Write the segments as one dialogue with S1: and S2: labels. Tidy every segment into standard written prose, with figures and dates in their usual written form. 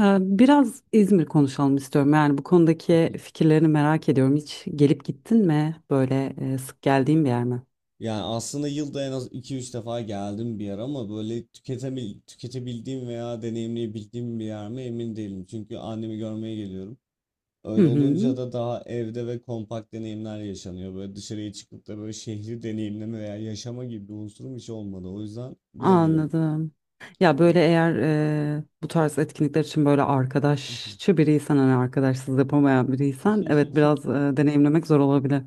S1: Biraz İzmir konuşalım istiyorum. Yani bu konudaki fikirlerini merak ediyorum. Hiç gelip gittin mi? Böyle sık geldiğin bir yer mi?
S2: Yani aslında yılda en az iki üç defa geldim bir yer ama böyle tüketebildiğim veya deneyimleyebildiğim bir yer mi emin değilim. Çünkü annemi görmeye geliyorum.
S1: Hı
S2: Öyle
S1: hı.
S2: olunca da daha evde ve kompakt deneyimler yaşanıyor. Böyle dışarıya çıkıp da böyle şehri deneyimleme veya yaşama gibi bir unsurum hiç olmadı. O yüzden bilemiyorum.
S1: Anladım. Ya böyle eğer bu tarz etkinlikler için böyle arkadaşçı biriysen hani arkadaşsız yapamayan biriysen evet biraz deneyimlemek zor olabilir.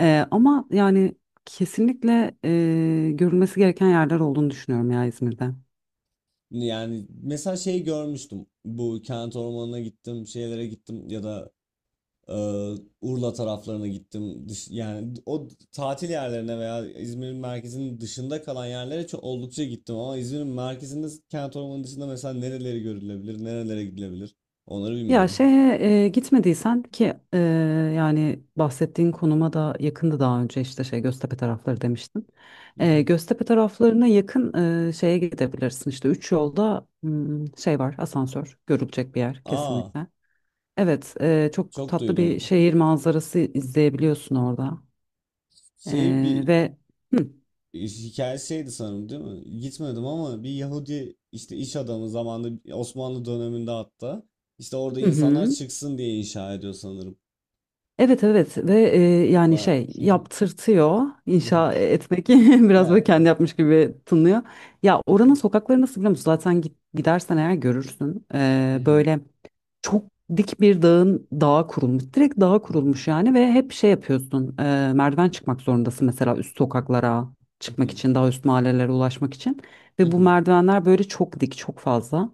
S1: Ama yani kesinlikle görülmesi gereken yerler olduğunu düşünüyorum ya İzmir'de.
S2: Yani mesela şey görmüştüm. Bu kent ormanına gittim, şeylere gittim ya da Ee, Urla taraflarına gittim. Yani o tatil yerlerine veya İzmir'in merkezinin dışında kalan yerlere çok oldukça gittim ama İzmir'in merkezinde kent ormanı dışında mesela nereleri görülebilir, nerelere gidilebilir onları
S1: Ya
S2: bilmiyorum.
S1: şeye gitmediysen ki yani bahsettiğin konuma da yakındı daha önce işte şey Göztepe tarafları demiştin. Göztepe taraflarına yakın şeye gidebilirsin işte üç yolda, şey var, asansör, görülecek bir yer
S2: Aa,
S1: kesinlikle. Evet, çok
S2: çok
S1: tatlı bir
S2: duydum.
S1: şehir manzarası izleyebiliyorsun orada.
S2: Şey bir
S1: Ve hı,
S2: hikaye şeydi sanırım değil mi? Gitmedim ama bir Yahudi işte iş adamı zamanında Osmanlı döneminde hatta işte orada insanlar
S1: hı.
S2: çıksın diye inşa ediyor sanırım.
S1: Evet evet, ve yani
S2: Ba-
S1: şey yaptırtıyor inşa etmek. Biraz
S2: Ya.
S1: böyle kendi yapmış gibi tınlıyor. Ya oranın sokakları nasıl biliyor musun? Zaten gidersen eğer görürsün. Böyle çok dik bir dağın, dağa kurulmuş, direkt dağa
S2: Hı hı,
S1: kurulmuş yani, ve hep şey yapıyorsun, merdiven çıkmak zorundasın mesela üst sokaklara
S2: hı
S1: çıkmak
S2: hı,
S1: için, daha üst mahallelere ulaşmak için, ve bu
S2: hı.
S1: merdivenler böyle çok dik, çok fazla.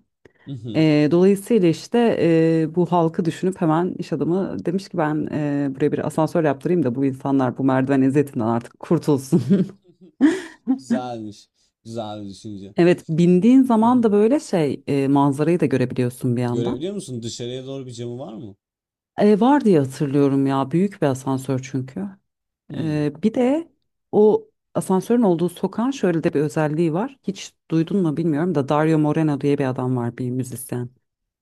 S1: Dolayısıyla işte bu halkı düşünüp hemen iş adamı demiş ki ben buraya bir asansör yaptırayım da bu insanlar bu merdiven eziyetinden artık kurtulsun.
S2: Güzelmiş. Güzel bir düşünce.
S1: Evet, bindiğin
S2: Hı.
S1: zaman da böyle şey, manzarayı da görebiliyorsun bir yandan.
S2: Görebiliyor musun? Dışarıya doğru bir camı var mı?
S1: Var diye hatırlıyorum, ya büyük bir asansör çünkü.
S2: Hı
S1: Bir de o asansörün olduğu sokağın şöyle de bir özelliği var. Hiç duydun mu bilmiyorum da, Dario Moreno diye bir adam var, bir müzisyen.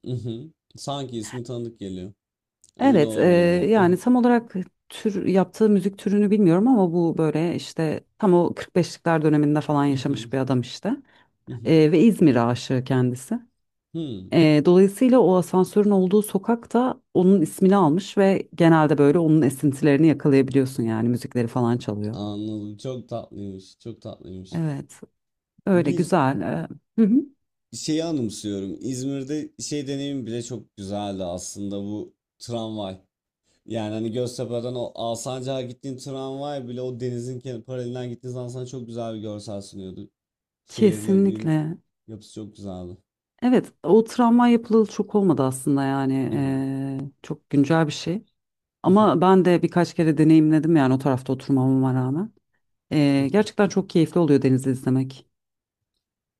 S2: hı. Sanki ismi tanıdık geliyor. Emin
S1: Evet,
S2: olamadım ama. Hı
S1: yani
S2: hı,
S1: tam olarak yaptığı müzik türünü bilmiyorum ama bu böyle işte tam o 45'likler döneminde falan
S2: hı hı.
S1: yaşamış bir adam işte. Ve İzmir aşığı kendisi. Dolayısıyla o asansörün olduğu sokak da onun ismini almış, ve genelde böyle onun esintilerini yakalayabiliyorsun, yani müzikleri falan çalıyor.
S2: Anladım. Çok tatlıymış. Çok tatlıymış.
S1: Evet, öyle
S2: Biz
S1: güzel. Hı hı,
S2: şeyi anımsıyorum. İzmir'de şey deneyim bile çok güzeldi aslında bu tramvay. Yani hani Göztepe'den o Alsancak'a gittiğin tramvay bile o denizin paralelinden gittiğin zaman sana çok güzel bir görsel sunuyordu. Şehirlerin uyum
S1: kesinlikle.
S2: yapısı çok güzeldi.
S1: Evet, o travma yapılalı çok olmadı aslında, yani
S2: Hı hı,
S1: çok güncel bir şey.
S2: hı hı,
S1: Ama ben de birkaç kere deneyimledim, yani o tarafta oturmamama rağmen.
S2: hı hı.
S1: Gerçekten çok keyifli oluyor denizi izlemek.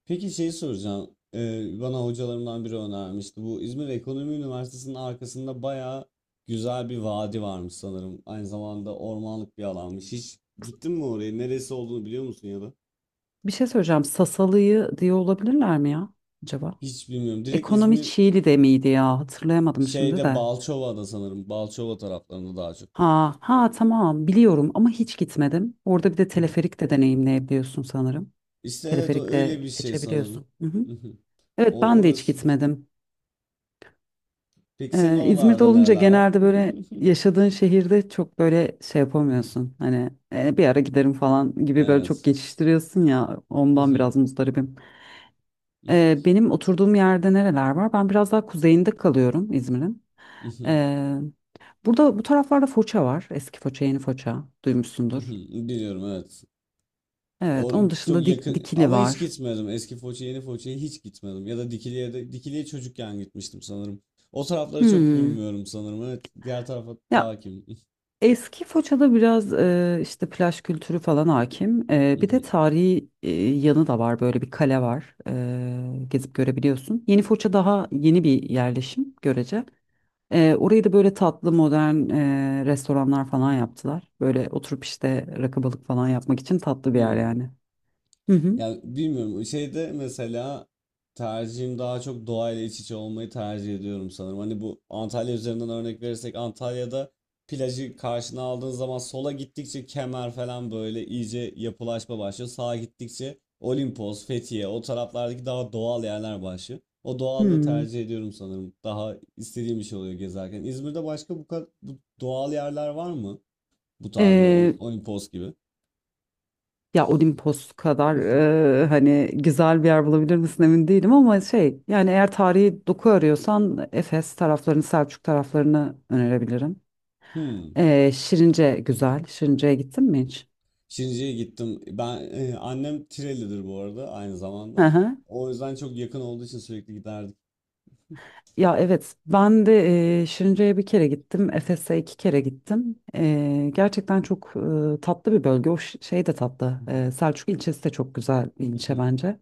S2: Peki şeyi soracağım. Bana hocalarımdan biri önermişti. Bu İzmir Ekonomi Üniversitesi'nin arkasında bayağı güzel bir vadi varmış sanırım. Aynı zamanda ormanlık bir alanmış. Hiç gittin mi oraya? Neresi olduğunu biliyor musun ya da?
S1: Bir şey söyleyeceğim. Sasalı'yı diye olabilirler mi ya acaba?
S2: Hiç bilmiyorum. Direkt
S1: Ekonomi
S2: İzmir
S1: Çiğli de miydi ya? Hatırlayamadım şimdi
S2: şeyde
S1: de.
S2: Balçova'da sanırım. Balçova taraflarında daha çok.
S1: Ha ha, tamam biliyorum ama hiç gitmedim. Orada bir de
S2: Hı hı.
S1: teleferik de deneyimleyebiliyorsun sanırım.
S2: İşte evet o
S1: Teleferikle
S2: öyle bir şey sanırım.
S1: geçebiliyorsun. Hı hı.
S2: Hı hı.
S1: Evet,
S2: O
S1: ben de hiç
S2: orası.
S1: gitmedim.
S2: Peki senin
S1: İzmir'de
S2: oralarda
S1: olunca
S2: nereler var?
S1: genelde böyle yaşadığın şehirde çok böyle şey yapamıyorsun. Hani bir ara giderim" falan gibi böyle çok
S2: Evet.
S1: geçiştiriyorsun ya, ondan
S2: Mhm,
S1: biraz muzdaribim. Benim oturduğum yerde nereler var? Ben biraz daha kuzeyinde kalıyorum İzmir'in.
S2: mhm,
S1: Ee, Burada bu taraflarda Foça var. Eski Foça, yeni Foça duymuşsundur.
S2: mhm. Biliyorum evet.
S1: Evet, onun dışında
S2: Çok yakın
S1: Dikili
S2: ama hiç
S1: var.
S2: gitmedim. Eski Foça, yeni Foça'ya hiç gitmedim. Ya da Dikili'ye çocukken gitmiştim sanırım. O tarafları çok
S1: Hmm.
S2: bilmiyorum sanırım. Evet, diğer tarafa daha
S1: Ya
S2: hakim.
S1: Eski Foça'da biraz işte plaj kültürü falan hakim. Bir de tarihi yanı da var. Böyle bir kale var. Gezip görebiliyorsun. Yeni Foça daha yeni bir yerleşim görece. Orayı da böyle tatlı modern restoranlar falan yaptılar. Böyle oturup işte rakı balık falan yapmak için tatlı bir yer yani. Hı hı.
S2: Ya bilmiyorum şeyde mesela tercihim daha çok doğayla iç içe olmayı tercih ediyorum sanırım. Hani bu Antalya üzerinden örnek verirsek Antalya'da plajı karşına aldığın zaman sola gittikçe Kemer falan böyle iyice yapılaşma başlıyor. Sağa gittikçe Olimpos, Fethiye o taraflardaki daha doğal yerler başlıyor. O doğallığı
S1: Hmm.
S2: tercih ediyorum sanırım. Daha istediğim bir şey oluyor gezerken. İzmir'de başka bu kadar bu doğal yerler var mı? Bu tarz böyle Olimpos gibi.
S1: Ya Olimpos kadar hani güzel bir yer bulabilir misin emin değilim, ama şey yani eğer tarihi doku arıyorsan Efes taraflarını, Selçuk taraflarını önerebilirim.
S2: Hmm.
S1: Şirince güzel. Şirince'ye gittin mi hiç?
S2: Şirince'ye gittim. Ben annem Tireli'dir bu arada aynı
S1: Hı
S2: zamanda.
S1: hı.
S2: O yüzden çok yakın olduğu için sürekli giderdik.
S1: Ya evet, ben de Şirince'ye bir kere gittim. Efes'e iki kere gittim. Gerçekten çok tatlı bir bölge. O şey de tatlı. Selçuk ilçesi de çok güzel bir ilçe bence.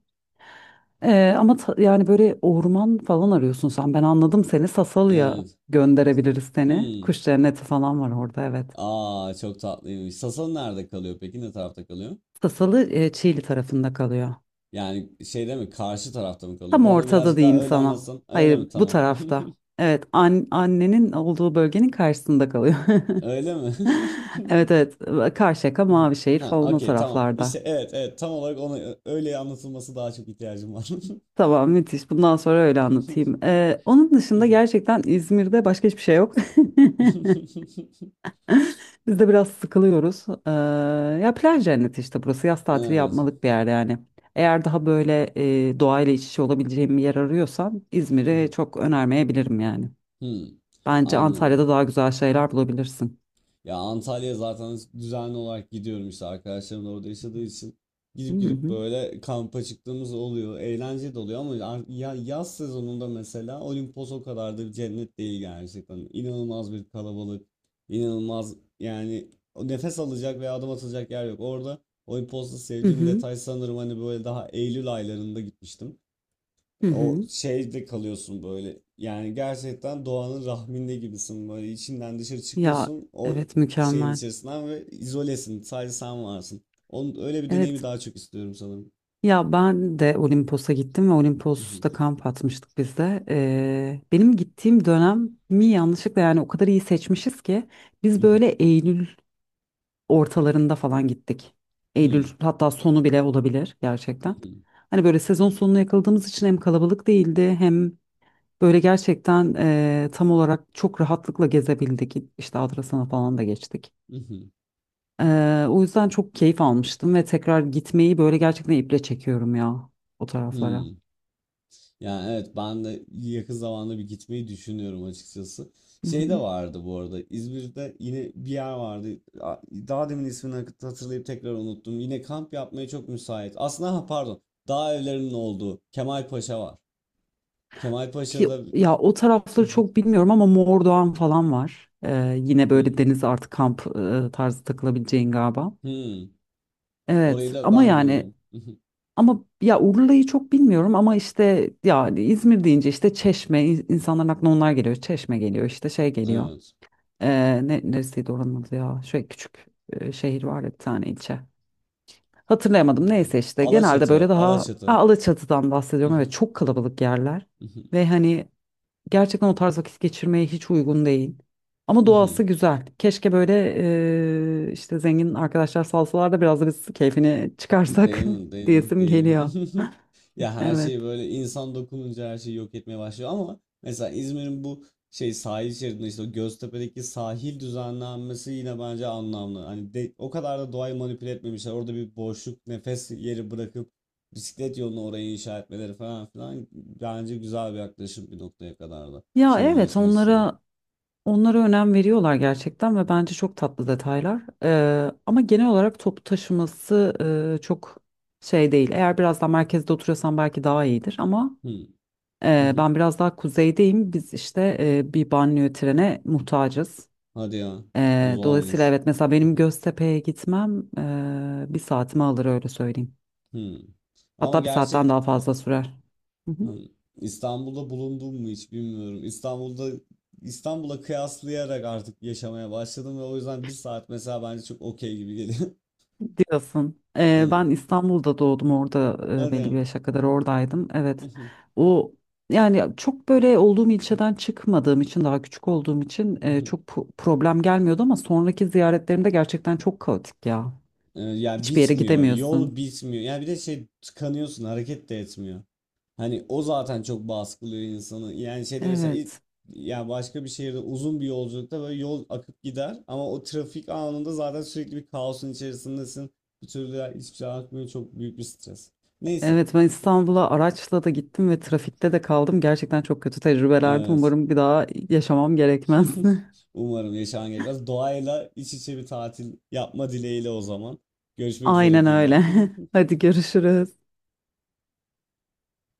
S1: Ama yani böyle orman falan arıyorsun sen. Ben anladım seni. Sasalı'ya
S2: Evet.
S1: gönderebiliriz seni.
S2: Hmm.
S1: Kuş cenneti falan var orada, evet.
S2: Aa çok tatlıymış. Sasan nerede kalıyor peki? Ne tarafta kalıyor?
S1: Sasalı Çiğli tarafında kalıyor.
S2: Yani şeyde mi? Karşı tarafta mı kalıyor?
S1: Tam
S2: Bana
S1: ortada
S2: birazcık daha
S1: diyeyim
S2: öyle
S1: sana.
S2: anlatsan. Öyle
S1: Hayır,
S2: mi?
S1: bu
S2: Tamam.
S1: tarafta. Evet, annenin olduğu bölgenin karşısında kalıyor.
S2: Öyle mi?
S1: Evet evet, Karşıyaka, Mavişehir
S2: Ha,
S1: falan o
S2: okey tamam.
S1: taraflarda.
S2: İşte evet, evet, tam olarak ona öyle anlatılması daha çok ihtiyacım var.
S1: Tamam, müthiş, bundan sonra öyle anlatayım. Onun dışında gerçekten İzmir'de başka hiçbir şey yok. Biz de biraz sıkılıyoruz. Ya plaj cenneti, işte burası yaz tatili
S2: Evet.
S1: yapmalık bir yer yani. Eğer daha böyle doğayla iç içe olabileceğim bir yer arıyorsan İzmir'i çok önermeyebilirim yani.
S2: Hmm.
S1: Bence Antalya'da
S2: Anladım.
S1: daha güzel şeyler bulabilirsin.
S2: Ya Antalya zaten düzenli olarak gidiyorum işte arkadaşlarım da orada yaşadığı için.
S1: Hı
S2: Gidip gidip
S1: hı.
S2: böyle kampa çıktığımız oluyor. Eğlenceli de oluyor ama ya yaz sezonunda mesela Olimpos o kadar da bir cennet değil gerçekten. İnanılmaz bir kalabalık. İnanılmaz yani o nefes alacak veya adım atılacak yer yok. Orada Olimpos'ta
S1: Hı
S2: sevdiğim
S1: hı.
S2: detay sanırım hani böyle daha Eylül aylarında gitmiştim.
S1: Hı
S2: O
S1: hı.
S2: şeyde kalıyorsun böyle. Yani gerçekten doğanın rahminde gibisin böyle. İçinden dışarı
S1: Ya
S2: çıkıyorsun o
S1: evet,
S2: şeyin
S1: mükemmel.
S2: içerisinden ve izolesin. Sadece sen varsın. Onun öyle bir deneyimi
S1: Evet.
S2: daha çok istiyorum sanırım.
S1: Ya ben de Olimpos'a gittim ve Olimpos'ta kamp atmıştık biz de. Benim gittiğim dönem mi yanlışlıkla, yani o kadar iyi seçmişiz ki biz böyle Eylül ortalarında falan gittik. Eylül, hatta sonu bile olabilir gerçekten. Hani böyle sezon sonuna yakaladığımız için hem kalabalık değildi hem böyle gerçekten tam olarak çok rahatlıkla gezebildik. İşte Adrasan'a falan da geçtik. O yüzden çok keyif almıştım ve tekrar gitmeyi böyle gerçekten iple çekiyorum ya o taraflara.
S2: Yani evet, ben de yakın zamanda bir gitmeyi düşünüyorum açıkçası.
S1: Hı
S2: Şey de
S1: hı.
S2: vardı bu arada, İzmir'de yine bir yer vardı. Daha demin ismini hatırlayıp tekrar unuttum. Yine kamp yapmaya çok müsait. Aslında ha, pardon, dağ evlerinin olduğu Kemalpaşa var. Kemalpaşa'da.
S1: Ya o tarafları çok bilmiyorum ama Mordoğan falan var. Yine
S2: Hmm,
S1: böyle deniz artı kamp, tarzı takılabileceğin galiba.
S2: hmm.
S1: Evet
S2: Orayı da
S1: ama
S2: ben
S1: yani,
S2: bilmiyordum.
S1: ama ya Urla'yı çok bilmiyorum ama işte yani İzmir deyince işte Çeşme, insanların aklına onlar geliyor. Çeşme geliyor, işte şey geliyor.
S2: Evet.
S1: Neresiydi oranın adı ya? Şöyle küçük şehir var ya, bir tane ilçe. Hatırlayamadım, neyse
S2: Hangi-
S1: işte, genelde böyle
S2: Alaçatı,
S1: daha, aa,
S2: Alaçatı.
S1: Alaçatı'dan bahsediyorum. Evet, çok kalabalık yerler ve hani gerçekten o tarz vakit geçirmeye hiç uygun değil. Ama doğası güzel. Keşke böyle işte zengin arkadaşlar salsalar da biraz da biz keyfini çıkarsak,
S2: Değil mi? Değil mi?
S1: diyesim
S2: Değil
S1: geliyor.
S2: mi? Ya her
S1: Evet.
S2: şey böyle insan dokununca her şeyi yok etmeye başlıyor, ama mesela İzmir'in bu şey sahil şeridinde işte o Göztepe'deki sahil düzenlenmesi yine bence anlamlı. Hani o kadar da doğayı manipüle etmemişler. Orada bir boşluk, nefes yeri bırakıp bisiklet yolunu oraya inşa etmeleri falan filan bence güzel bir yaklaşım bir noktaya kadar da
S1: Ya evet,
S2: şehirleşme açısından.
S1: onlara önem veriyorlar gerçekten ve bence çok tatlı detaylar. Ama genel olarak toplu taşıması çok şey değil. Eğer biraz daha merkezde oturuyorsan belki daha iyidir, ama
S2: Hı.
S1: ben biraz daha kuzeydeyim. Biz işte bir banliyö trene muhtacız.
S2: Hadi ya. O
S1: Dolayısıyla
S2: zormuş.
S1: evet, mesela benim Göztepe'ye gitmem bir saatimi alır, öyle söyleyeyim.
S2: Hı. Ama
S1: Hatta bir saatten
S2: gerçi.
S1: daha fazla sürer.
S2: Hı. İstanbul'da bulundum mu hiç bilmiyorum. İstanbul'a kıyaslayarak artık yaşamaya başladım ve o yüzden bir saat mesela bence çok okey gibi geliyor.
S1: Diyorsun.
S2: Evet.
S1: Ben İstanbul'da doğdum, orada belli bir
S2: Hadi.
S1: yaşa kadar oradaydım. Evet. O, yani çok böyle olduğum ilçeden çıkmadığım için, daha küçük olduğum için çok problem gelmiyordu, ama sonraki ziyaretlerimde gerçekten çok kaotik ya.
S2: Ya
S1: Hiçbir yere
S2: bitmiyor. Yol
S1: gidemiyorsun.
S2: bitmiyor. Yani bir de şey, tıkanıyorsun. Hareket de etmiyor. Hani o zaten çok baskılıyor insanı. Yani şeyde mesela
S1: Evet.
S2: ya başka bir şehirde uzun bir yolculukta böyle yol akıp gider ama o trafik anında zaten sürekli bir kaosun içerisindesin. Bir türlü ya, hiçbir şey akmıyor. Çok büyük bir stres. Neyse.
S1: Evet, ben İstanbul'a araçla da gittim ve trafikte de kaldım. Gerçekten çok kötü tecrübelerdi.
S2: Evet.
S1: Umarım bir daha yaşamam gerekmez.
S2: Umarım yaşaman gerekmez. Doğayla iç içe bir tatil yapma dileğiyle o zaman. Görüşmek üzere
S1: Aynen
S2: diyeyim ben.
S1: öyle. Hadi görüşürüz.